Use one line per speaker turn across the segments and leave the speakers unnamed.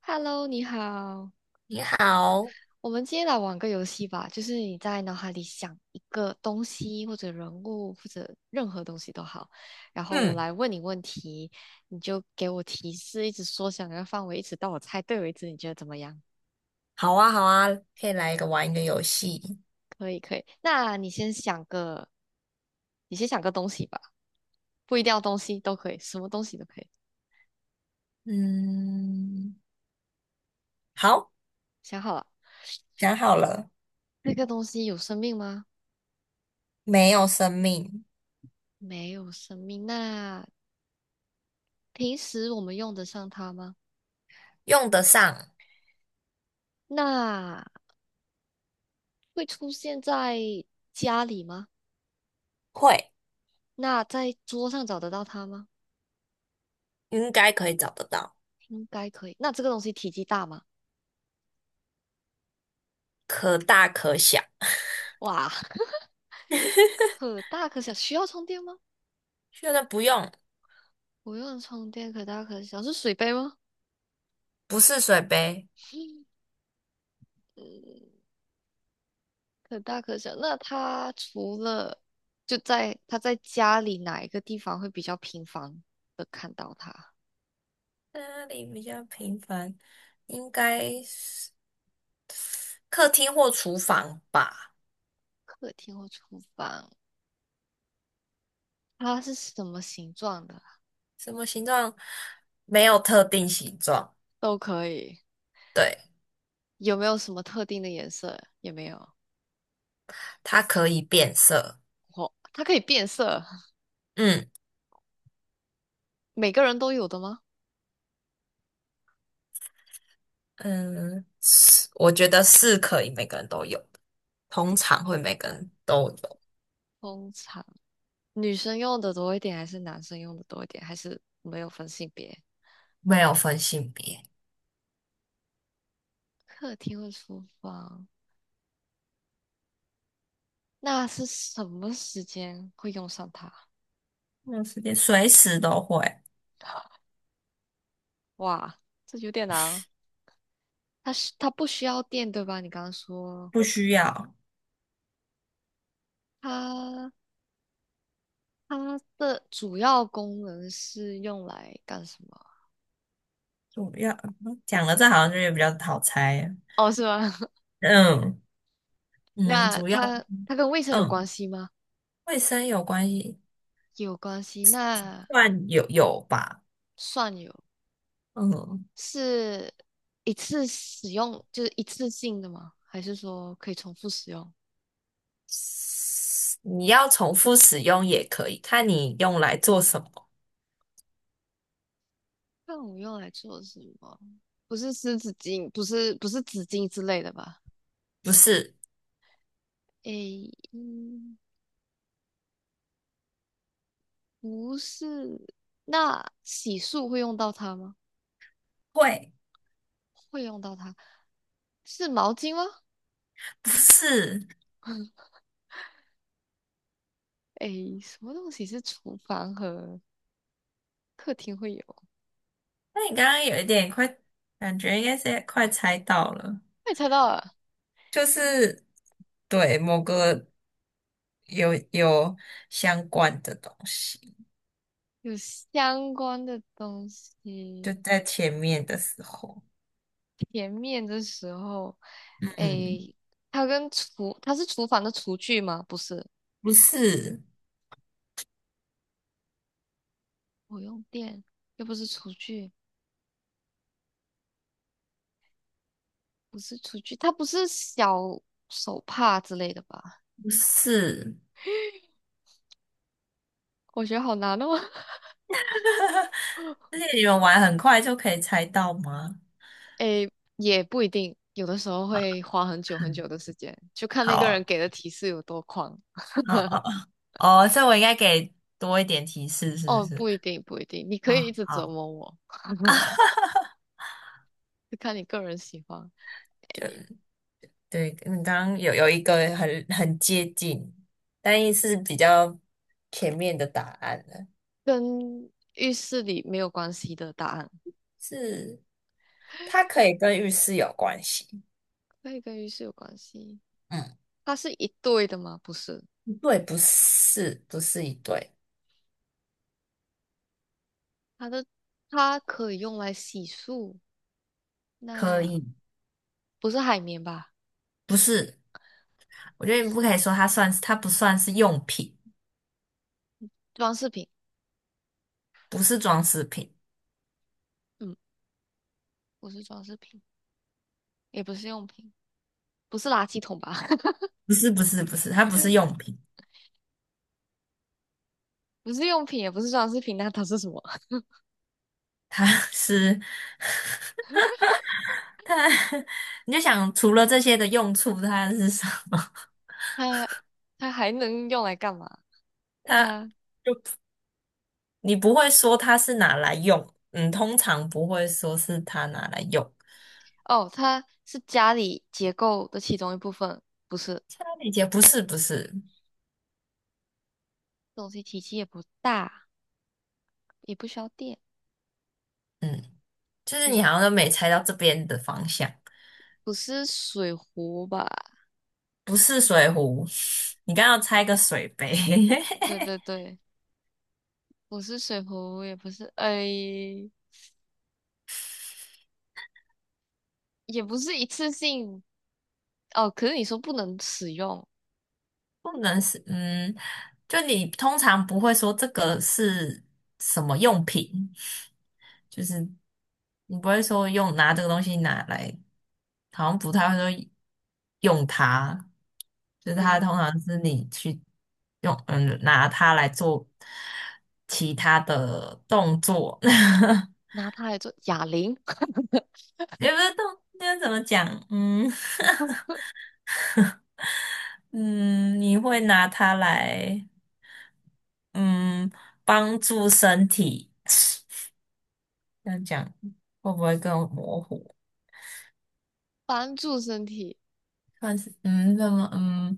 Hello,你好，
你好。
我们今天来玩个游戏吧，就是你在脑海里想一个东西或者人物或者任何东西都好，然后我
嗯。
来问你问题，你就给我提示，一直缩小那个范围，一直到我猜对为止，你觉得怎么样？
好啊，好啊，可以来一个玩一个游戏。
可以，可以。那你先想个，你先想个东西吧，不一定要东西都可以，什么东西都可以。
嗯。好。
想好了，
想好了。
那个东西有生命吗？
没有生命。
没有生命。那平时我们用得上它吗？
用得上。
那会出现在家里吗？
会。
那在桌上找得到它吗？
应该可以找得到。
应该可以。那这个东西体积大吗？
可大可小。
哇，可大可小，需要充电吗？
确认不用。
不用充电，可大可小，是水杯吗？
不是水杯。
嗯，可大可小。那它除了就在它在家里哪一个地方会比较频繁的看到它？
哪里比较平凡，应该是客厅或厨房吧。
客厅或厨房？它是什么形状的？
什么形状？没有特定形状。
都可以。
对，
有没有什么特定的颜色？也没有。
它可以变色。
哦，它可以变色，
嗯。
每个人都有的吗？
嗯，是，我觉得是可以每个人都有，的，通常会每个人都有。
通常女生用的多一点，还是男生用的多一点，还是没有分性别？
没有分性别。
客厅和厨房，那是什么时间会用上它？
没有时间，随时都会。
哇，这有点难哦。它是它不需要电，对吧？你刚刚说
不需要。
它它的主要功能是用来干什么？
主要讲了这好像就是比较好猜啊。
哦，是吗？
嗯嗯，
那
主要
它跟卫生有
嗯，
关系吗？
卫生有关系，
有关系，那
算有吧，
算有。
嗯。
是一次使用，就是一次性的吗？还是说可以重复使用？
你要重复使用也可以，看你用来做什么。
那我用来做什么？不是湿纸巾，不是纸巾之类的吧？
不是
诶，嗯，不是。那洗漱会用到它吗？
会，
会用到它，是毛巾吗？
不是。
诶，什么东西是厨房和客厅会有？
那你刚刚有一点快，感觉应该是快猜到了。
我也猜到了，
就是对某个有相关的东西，
有相关的东
就
西。
在前面的时候。
前面的时候。
嗯。
诶，它跟厨，它是厨房的厨具吗？不是，
不是
我用电，又不是厨具，不是厨具，它不是小手帕之类的吧？
不是。
我觉得好难哦。
而且你们玩很快就可以猜到吗？
诶，也不一定，有的时候
啊。
会花很久很久
嗯。
的时间，就看
好
那个人
啊，
给的提示有多狂。
好啊。哦，所以我应该给多一点提示，是不
哦，
是？
不一定，不一定，你可以一
啊，
直折
好
磨我，
啊。哈哈哈
就看你个人喜欢，
就。对，你刚刚有一个很接近，但也是比较前面的答案了。
跟浴室里没有关系的答案，
是它可以跟浴室有关系。
可以跟浴室有关系。
嗯。
它是一对的吗？不是。
对，不是，不是一对。
它的它可以用来洗漱，
可
那
以。
不是海绵吧？
不是。我
不
觉得你
是
不可以说它算是，它不算是用品。
装饰品，
不是装饰品。
嗯，不是装饰品，也不是用品，不是垃圾桶吧？
不是，不是，不是，它不是用品。
不是用品，也不是装饰品，那它是什么？
它 是它。你就想除了这些的用处，它是什么？
它它还能用来干嘛？
它。
它
就。你不会说它是拿来用。嗯，通常不会说是它拿来用。
哦，它是家里结构的其中一部分，不是
理姐不是不是。
东西体积也不大，也不需要电，
嗯，就是你好像都没猜到这边的方向。
不是水壶吧？
不是水壶。你刚刚要猜个水杯。
对对对，不是水壶，也不是，哎，也不是一次性。哦，可是你说不能使用，
不能是。嗯，就你通常不会说这个是什么用品。就是你不会说用拿这个东西拿来，好像不太会说用它。就是它
我
通常是你去用。嗯，拿它来做其他的动作。
拿它来做哑铃，
也不是动，那怎么讲？嗯，嗯，你会拿它来，嗯，帮助身体，这样讲会不会更模糊？
帮助身体，
但是怎么,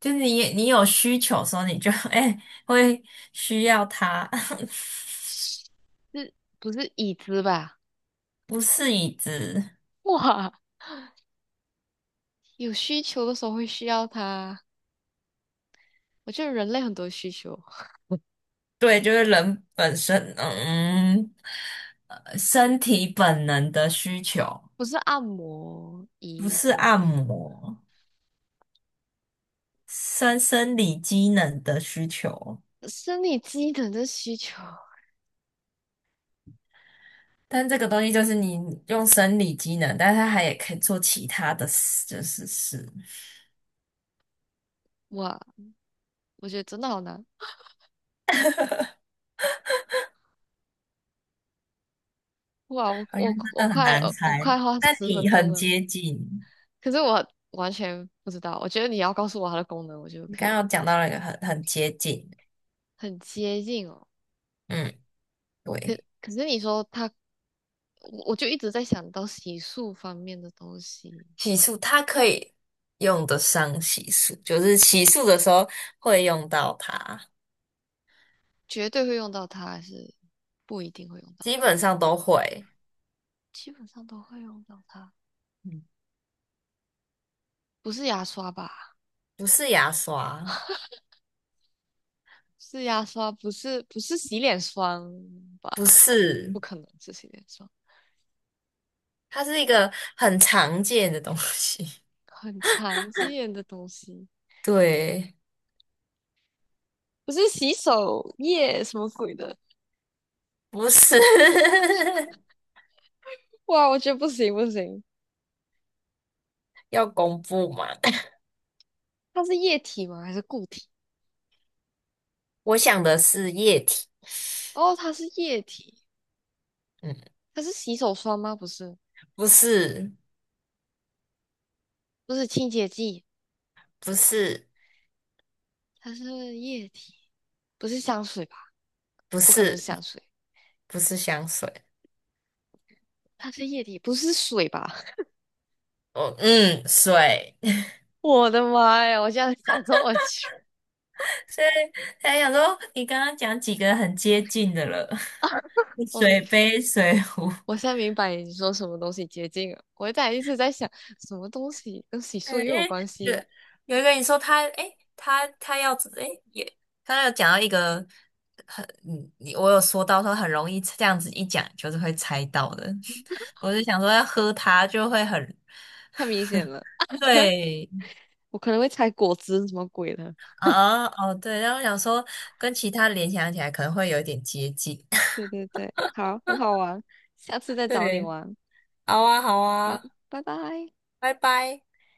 就是你有需求的时候，你就 哎、会需要它。
是不是椅子吧？
不是椅子。
哇，有需求的时候会需要它。我觉得人类很多需求，
对，就是人本身,身体本能的需求。
不是按摩
不
仪
是
什么
按
鬼，
摩。生生理机能的需求。
生理机能的需求。
但这个东西就是你用生理机能，但是它还也可以做其他的事，就是事。
哇，我觉得真的好难。哇，我
好像
我我
真的很
快
难
我我
猜，
快花
但
十分
你
钟
很
了，
接近。
可是我完全不知道。我觉得你要告诉我它的功能，我就
你
可
刚
以
刚有讲到了一个很接近。
很接近哦。
嗯。
可
对。
可是你说它我就一直在想到洗漱方面的东西，
洗漱它可以用得上洗漱，就是洗漱的时候会用到它。
绝对会用到它，还是不一定会用到
基
它？
本上都会。
基本上都会用到它，
嗯。
不是牙刷吧？
不是牙刷。
是牙刷，不是洗脸霜吧？
不是，
不可能是洗脸霜，
它是一个很常见的东西。
很常见的东西，
对。
不是洗手液什么鬼的？
不是。
哇，我觉得不行不行，
要公布嘛？
它是液体吗？还是固体？
我想的是液体。
哦，它是液体，
嗯。
它是洗手霜吗？不是，
不是，
不是清洁剂，
不是，
它是液体。不是香水吧？
不
不可能是
是，
香水，
不是香水。
它是液体，不是水吧？
哦，嗯，水。
我的妈呀！我现在想说，我去，
所以才想说，你刚刚讲几个很接近的了。
我明
水杯、水壶。
我现在明白你说什么东西洁净了。我在一直在想，什么东西跟洗
嗯，
漱
因
又有
为
关
有
系？
有一个你说他，诶，他他要诶，也他有讲到一个很，嗯，你我有说到说很容易这样子一讲就是会猜到的。我就想说要喝它就会很
太明显了，
对。
我可能会猜果汁什么鬼的。
啊哦对，然后我想说跟其他联想起来可能会有一点接近。
对对对，好，很好玩，下次再找你
对。
玩。
好啊好
好，
啊。
拜拜。
拜拜。